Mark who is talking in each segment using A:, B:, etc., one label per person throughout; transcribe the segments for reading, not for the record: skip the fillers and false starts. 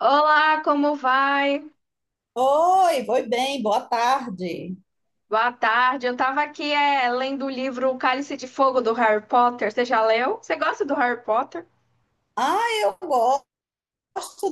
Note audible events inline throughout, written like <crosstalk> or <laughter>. A: Olá, como vai?
B: Oi, foi bem, boa tarde.
A: Boa tarde. Eu tava aqui lendo o livro O Cálice de Fogo do Harry Potter. Você já leu? Você gosta do Harry Potter?
B: Ah, eu gosto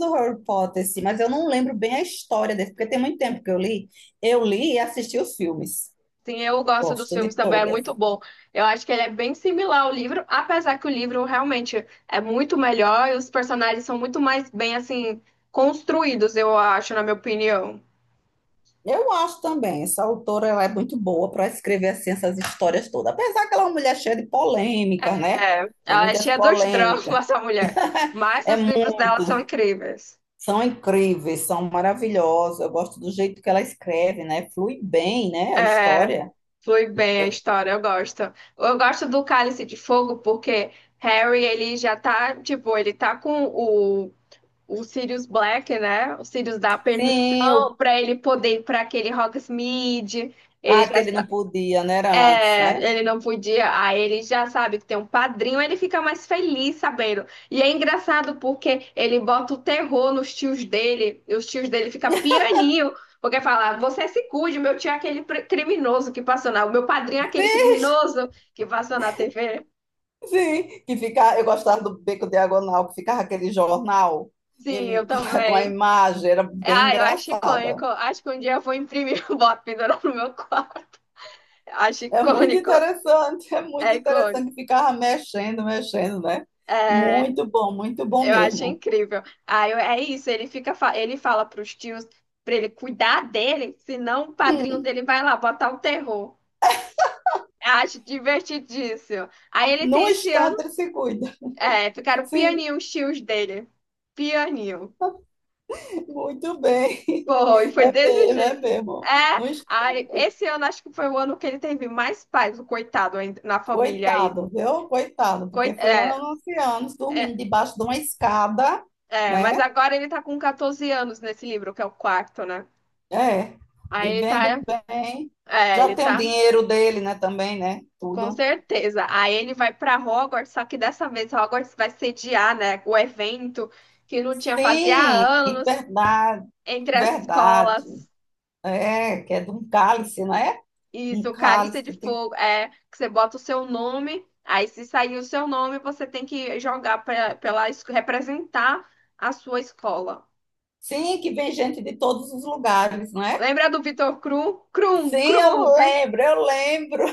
B: do Harry Potter, sim, mas eu não lembro bem a história desse, porque tem muito tempo que eu li. Eu li e assisti os filmes.
A: Sim, eu gosto dos
B: Gosto de
A: filmes também, é
B: todas.
A: muito bom. Eu acho que ele é bem similar ao livro, apesar que o livro realmente é muito melhor e os personagens são muito mais bem assim construídos, eu acho, na minha opinião.
B: Eu acho também, essa autora ela é muito boa para escrever assim, essas histórias todas. Apesar que ela é uma mulher cheia de polêmicas, né?
A: É,
B: Tem
A: ela é
B: muitas
A: cheia dos dramas, <laughs>
B: polêmicas.
A: essa mulher, mas
B: É
A: os livros dela são
B: muito.
A: incríveis.
B: São incríveis, são maravilhosas. Eu gosto do jeito que ela escreve, né? Flui bem, né? A
A: É.
B: história.
A: Foi bem a
B: Eu-
A: história, eu gosto. Eu gosto do Cálice de Fogo porque Harry, ele já tá, tipo, ele tá com o Sirius Black, né? O Sirius dá
B: sim,
A: permissão
B: o
A: pra ele poder ir pra aquele Hogsmeade. Ele
B: ah, que
A: já
B: ele não podia, né? Era antes, né?
A: ele não podia, aí ele já sabe que tem um padrinho, ele fica mais feliz sabendo. E é engraçado porque ele bota o terror nos tios dele, e os tios dele ficam pianinho, porque fala, você se cuide, meu tio é aquele criminoso que passou na... O meu padrinho é aquele
B: Sim,
A: criminoso que passou na TV.
B: que fica, eu gostava do Beco Diagonal, que ficava aquele jornal,
A: Sim, eu
B: ele <laughs> com a
A: também.
B: imagem, era bem
A: Ah, eu acho
B: engraçada.
A: icônico. Acho que um dia eu vou imprimir <laughs> o boto pendurar no meu quarto. Acho icônico.
B: É
A: É
B: muito
A: icônico.
B: interessante, que ficava mexendo, mexendo, né?
A: É.
B: Muito bom
A: Eu acho
B: mesmo.
A: incrível. É isso, ele fica, ele fala pros tios pra ele cuidar dele, senão o padrinho
B: Hum,
A: dele vai lá botar o terror. Acho divertidíssimo. Aí ele
B: não
A: tem esse
B: está,
A: ano,
B: ele se cuida.
A: é, ficaram
B: Sim,
A: pianinho os tios dele. Pianinho.
B: muito bem. <laughs>
A: Pô, e foi
B: É
A: desse
B: mesmo, é
A: jeito.
B: mesmo.
A: É,
B: Não está.
A: aí, esse ano acho que foi o ano que ele teve mais paz, o coitado ainda, na família aí.
B: Coitado, viu? Coitado, porque
A: Coi-
B: foi
A: é,
B: anos e anos
A: é,
B: dormindo debaixo de uma escada,
A: mas
B: né?
A: agora ele tá com 14 anos nesse livro, que é o quarto, né?
B: É,
A: Aí ele
B: vivendo
A: tá,
B: bem.
A: é,
B: Já
A: ele
B: tem o
A: tá.
B: dinheiro dele, né? Também, né?
A: Com
B: Tudo.
A: certeza. Aí ele vai para Hogwarts, só que dessa vez Hogwarts vai sediar, né, o evento que não tinha fazia
B: Sim,
A: anos
B: verdade,
A: entre as
B: verdade.
A: escolas.
B: É, que é de um cálice, né?
A: Isso,
B: Um
A: o Cálice
B: cálice
A: de
B: que tem.
A: Fogo, é que você bota o seu nome, aí se sair o seu nome, você tem que jogar pra, representar a sua escola.
B: Sim, que vem gente de todos os lugares, né?
A: Lembra do Vitor Krum? Krum,
B: Sim,
A: Krum,
B: eu
A: Vitor.
B: lembro, eu lembro.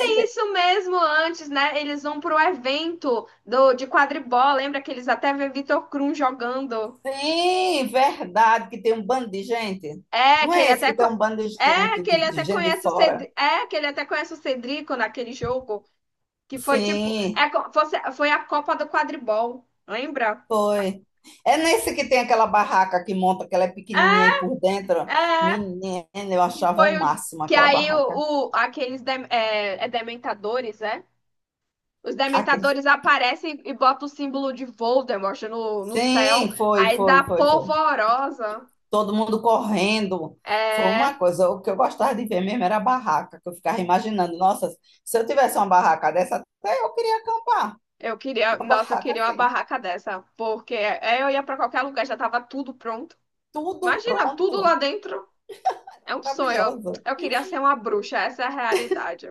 A: É isso mesmo, antes, né? Eles vão pro evento do, de quadribol. Lembra que eles até vê Vitor Krum jogando.
B: Sim, verdade, que tem um bando de gente.
A: É,
B: Não
A: que ele
B: é esse
A: até,
B: que
A: co-
B: tem um bando de gente,
A: que
B: de,
A: ele até
B: de gente de
A: conhece o
B: fora?
A: Cedrico, é, que ele até conhece o Cedrico naquele jogo, que foi tipo,
B: Sim,
A: foi a Copa do Quadribol, lembra?
B: foi. É nesse que tem aquela barraca que monta, que ela é pequenininha aí por dentro.
A: É, é,
B: Menina, eu
A: que
B: achava o
A: foi o,
B: máximo
A: que
B: aquela
A: aí
B: barraca.
A: o- aqueles, dem- é, é dementadores, é? Os
B: Aqueles...
A: dementadores aparecem e botam o símbolo de Voldemort no céu,
B: Sim, foi,
A: aí
B: foi,
A: dá
B: foi, foi.
A: polvorosa.
B: Todo mundo correndo. Foi
A: É,
B: uma coisa, o que eu gostava de ver mesmo era a barraca, que eu ficava imaginando, nossa, se eu tivesse uma barraca dessa, até eu queria acampar.
A: eu queria,
B: Uma
A: nossa, eu
B: barraca
A: queria uma
B: assim,
A: barraca dessa, porque é, eu ia pra qualquer lugar, já tava tudo pronto.
B: tudo
A: Imagina, tudo lá
B: pronto.
A: dentro é um sonho.
B: Maravilhosa.
A: Eu queria ser uma bruxa, essa é a realidade.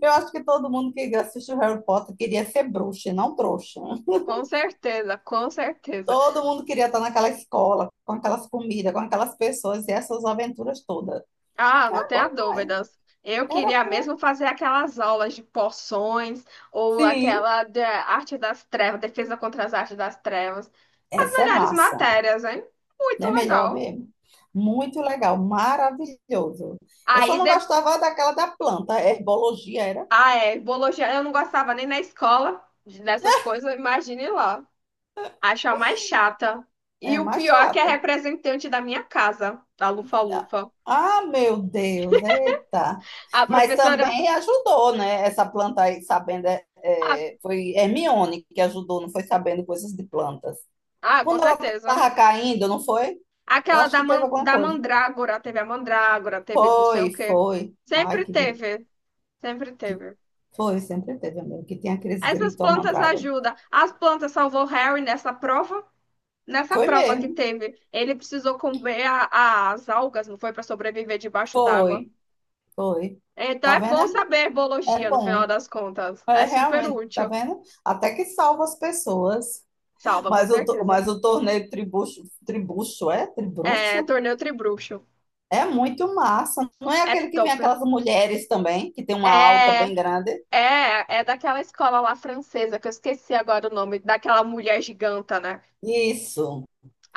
B: Eu acho que todo mundo que assistiu Harry Potter queria ser bruxa, e não trouxa.
A: Com certeza, com certeza.
B: Todo mundo queria estar naquela escola, com aquelas comidas, com aquelas pessoas e essas aventuras todas.
A: Ah, não
B: É bom,
A: tenha
B: não é?
A: dúvidas. Eu
B: Era
A: queria
B: bom.
A: mesmo fazer aquelas aulas de poções ou
B: Sim,
A: aquela de arte das trevas, defesa contra as artes das trevas. As
B: essa é
A: melhores
B: massa.
A: matérias, hein? Muito
B: Não é melhor
A: legal.
B: mesmo? Muito legal, maravilhoso. Eu só
A: Aí,
B: não
A: de...
B: gostava daquela da planta. A herbologia era
A: ah, é, biologia eu não gostava nem na escola dessas coisas, imagine lá. Acho a mais chata. E
B: é
A: o
B: mais
A: pior é que é a
B: chata.
A: representante da minha casa, da Lufa Lufa.
B: Ah, meu Deus, eita.
A: A
B: Mas
A: professora.
B: também ajudou, né? Essa planta aí, sabendo,
A: Ah,
B: foi Hermione que ajudou, não foi sabendo coisas de plantas.
A: ah, com
B: Quando ela
A: certeza.
B: estava caindo, não foi? Eu acho que teve alguma
A: Da
B: coisa.
A: Mandrágora, teve a Mandrágora, teve do sei o
B: Foi,
A: quê.
B: foi. Ai,
A: Sempre
B: que grito.
A: teve, sempre teve.
B: Foi, sempre teve, amigo, que tem aqueles
A: Essas
B: gritos ao
A: plantas
B: mandrágora.
A: ajudam. As plantas salvou Harry nessa prova. Nessa
B: Foi
A: prova que
B: mesmo,
A: teve, ele precisou comer as algas, não foi para sobreviver debaixo d'água.
B: foi, foi.
A: Então
B: Tá
A: é bom
B: vendo?
A: saber
B: É
A: biologia no final
B: bom.
A: das contas.
B: É
A: É super
B: realmente, tá
A: útil.
B: vendo? Até que salva as pessoas.
A: Salva, com
B: Mas o, to-
A: certeza.
B: mas o torneio tribucho, tribucho, é?
A: É,
B: Tribruxo?
A: torneio Tribruxo.
B: É muito massa. Não é
A: É
B: aquele que vem
A: topper.
B: aquelas mulheres também, que tem uma alta
A: É,
B: bem grande?
A: é daquela escola lá francesa, que eu esqueci agora o nome, daquela mulher giganta, né?
B: Isso,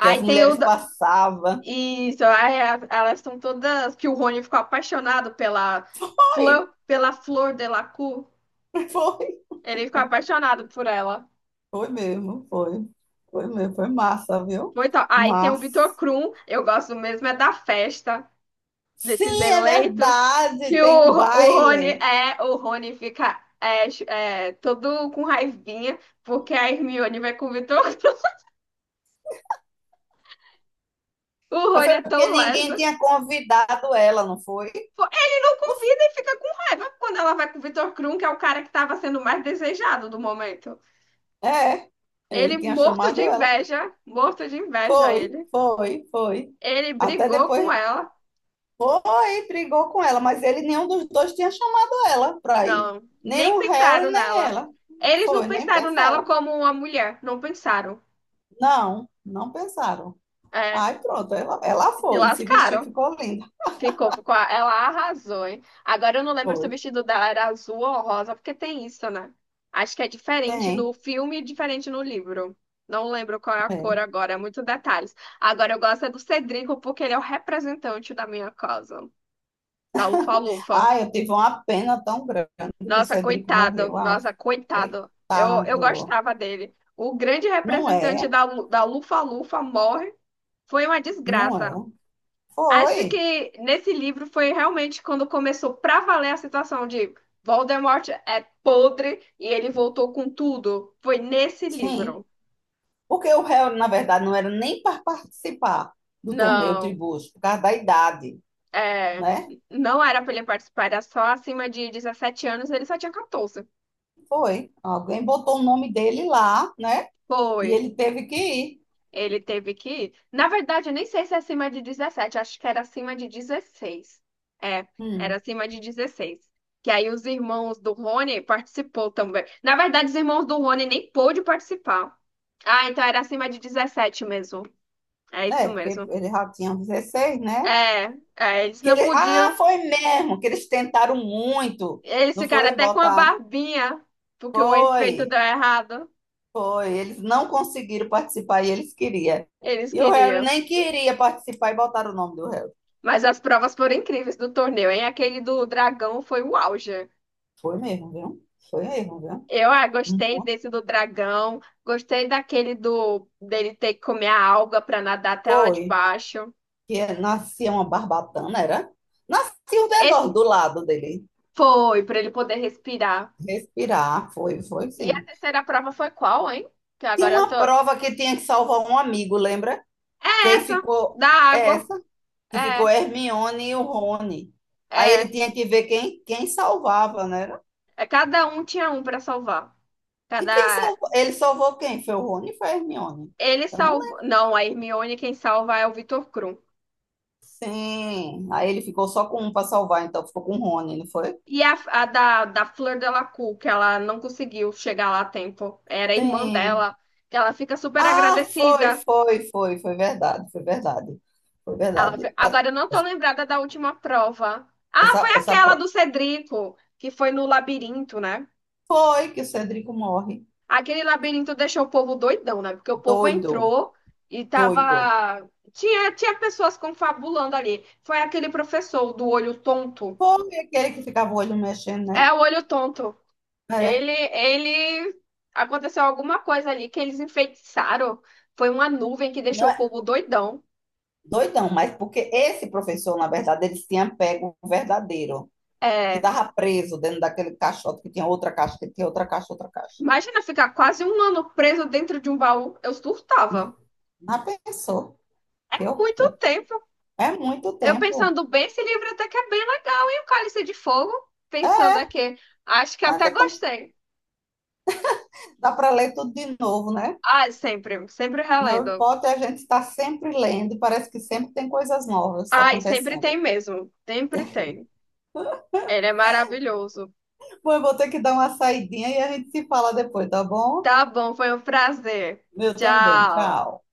B: que as
A: tem o.
B: mulheres
A: da-
B: passavam.
A: Isso, elas são todas. Que o Rony ficou apaixonado pela
B: Foi,
A: Fleur, pela Flor Delacour.
B: <laughs> foi,
A: Ele ficou apaixonado por ela.
B: foi mesmo, foi. Foi mesmo, foi massa, viu?
A: Muito. Aí tem o
B: Massa.
A: Vitor Krum, eu gosto mesmo, é da festa. Desses
B: Sim, é
A: eleitos,
B: verdade,
A: que
B: tem um
A: o Rony
B: baile.
A: é, o Rony fica todo com raivinha, porque a Hermione vai com o Vitor Krum. <laughs> O
B: Mas
A: Rony
B: foi
A: é
B: porque
A: tão
B: ninguém
A: leso.
B: tinha convidado ela, não foi?
A: Pô, ele não convida e fica com raiva quando ela vai com o Vitor Krum, que é o cara que estava sendo mais desejado do momento.
B: É, ele
A: Ele
B: tinha chamado ela.
A: morto de inveja
B: Foi,
A: ele.
B: foi, foi.
A: Ele
B: Até
A: brigou com
B: depois
A: ela.
B: foi, brigou com ela, mas ele nenhum dos dois tinha chamado ela para ir.
A: Não,
B: Nem
A: nem
B: o
A: pensaram
B: Harry, nem
A: nela.
B: ela.
A: Eles não
B: Foi, nem
A: pensaram nela
B: pensaram.
A: como uma mulher, não pensaram.
B: Não, não pensaram.
A: É,
B: Aí pronto, ela
A: se
B: foi, se vestiu,
A: lascaram.
B: ficou linda.
A: Ficou, ficou. Ela arrasou, hein? Agora eu não lembro se
B: Foi,
A: o vestido dela era azul ou rosa, porque tem isso, né? Acho que é diferente
B: tem.
A: no filme e diferente no livro. Não lembro qual é a cor
B: É.
A: agora, é muitos detalhes. Agora eu gosto é do Cedrico porque ele é o representante da minha casa, da Lufa-Lufa.
B: Ai, eu tive uma pena tão grande que o
A: Nossa,
B: Cedrico
A: coitado,
B: morreu. Ah,
A: nossa, coitado. Eu
B: coitado.
A: gostava dele. O grande
B: Não
A: representante
B: é,
A: da Lufa-Lufa morre. Foi uma desgraça.
B: não é.
A: Acho
B: Foi,
A: que nesse livro foi realmente quando começou pra valer a situação de Voldemort é podre e ele voltou com tudo. Foi nesse
B: sim.
A: livro.
B: Porque o Harry, na verdade, não era nem para participar do torneio
A: Não,
B: tribus por causa da idade,
A: é,
B: né?
A: não era pra ele participar, era só acima de 17 anos, ele só tinha 14.
B: Foi. Alguém botou o nome dele lá, né?
A: Foi.
B: E ele teve que ir.
A: Ele teve que ir. Na verdade, eu nem sei se é acima de 17. Acho que era acima de 16. É, era
B: Hum.
A: acima de 16. Que aí os irmãos do Rony participou também. Na verdade, os irmãos do Rony nem pôde participar. Ah, então era acima de 17 mesmo. É
B: É,
A: isso
B: porque
A: mesmo.
B: ele já tinha 16, né?
A: É, eles
B: Que
A: não
B: ele... Ah,
A: podiam.
B: foi mesmo, que eles tentaram muito.
A: Eles
B: Não
A: ficaram
B: foi
A: até com a
B: botar.
A: barbinha, porque o efeito deu
B: Foi,
A: errado.
B: foi. Eles não conseguiram participar e eles queriam.
A: Eles
B: E o Harry
A: queriam.
B: nem queria participar e botaram o nome do Harry.
A: Mas as provas foram incríveis do torneio, hein? Aquele do dragão foi o auge.
B: Foi mesmo, viu? Foi mesmo, viu? Hum.
A: Gostei desse do dragão, gostei daquele do dele ter que comer a alga para nadar até lá de
B: Foi.
A: baixo.
B: Que nascia uma barbatana, era? Nascia o negócio
A: Esse
B: do lado dele.
A: foi para ele poder respirar.
B: Respirar, foi, foi
A: E a
B: sim.
A: terceira prova foi qual, hein? Que
B: Tinha
A: agora eu tô
B: uma prova que tinha que salvar um amigo, lembra? Que aí
A: essa
B: ficou
A: da
B: é
A: água.
B: essa, que ficou
A: É,
B: Hermione e o Rony. Aí ele
A: é,
B: tinha que ver quem salvava, né?
A: é cada um tinha um para salvar.
B: E quem
A: Cada
B: salvou? Ele salvou quem? Foi o Rony ou foi a Hermione?
A: ele
B: Eu não
A: salvou.
B: lembro.
A: Não, a Hermione quem salva é o Vitor Krum.
B: Sim. Aí ele ficou só com um para salvar, então ficou com o Rony, não foi?
A: E a, a da Fleur Delacour, que ela não conseguiu chegar lá a tempo. Era a irmã
B: Sim.
A: dela que ela fica super
B: Ah, foi,
A: agradecida.
B: foi, foi, foi verdade, foi verdade. Foi verdade.
A: Agora eu não tô lembrada da última prova. Ah, foi
B: Essa
A: aquela
B: pro-
A: do Cedrico, que foi no labirinto, né?
B: foi que o Cedrico morre.
A: Aquele labirinto deixou o povo doidão, né? Porque o povo
B: Doido,
A: entrou e
B: doido.
A: tava. Tinha pessoas confabulando ali. Foi aquele professor do olho tonto.
B: Foi aquele que ficava o olho mexendo, né?
A: É, o olho tonto.
B: É.
A: Ele, ele. Aconteceu alguma coisa ali que eles enfeitiçaram. Foi uma nuvem que
B: Não
A: deixou o
B: é
A: povo doidão.
B: doidão, mas porque esse professor, na verdade, ele tinha pego o verdadeiro, que
A: É,
B: estava preso dentro daquele caixote, que tinha outra caixa, outra caixa.
A: imagina ficar quase um ano preso dentro de um baú. Eu surtava.
B: Mas pensou, que
A: Muito
B: horror.
A: tempo.
B: É muito
A: Eu
B: tempo.
A: pensando bem, esse livro até que é bem legal. E o Cálice de Fogo? Pensando aqui, acho que
B: Mas
A: até
B: é tão-
A: gostei.
B: dá para ler tudo de novo, né?
A: Ah, sempre, sempre
B: Harry
A: relendo.
B: Potter a gente está sempre lendo, parece que sempre tem coisas novas
A: Ai, sempre
B: acontecendo.
A: tem mesmo. Sempre tem. Ele é maravilhoso.
B: Bom, eu vou ter que dar uma saidinha e a gente se fala depois, tá bom?
A: Tá bom, foi um prazer.
B: Eu também,
A: Tchau.
B: tchau.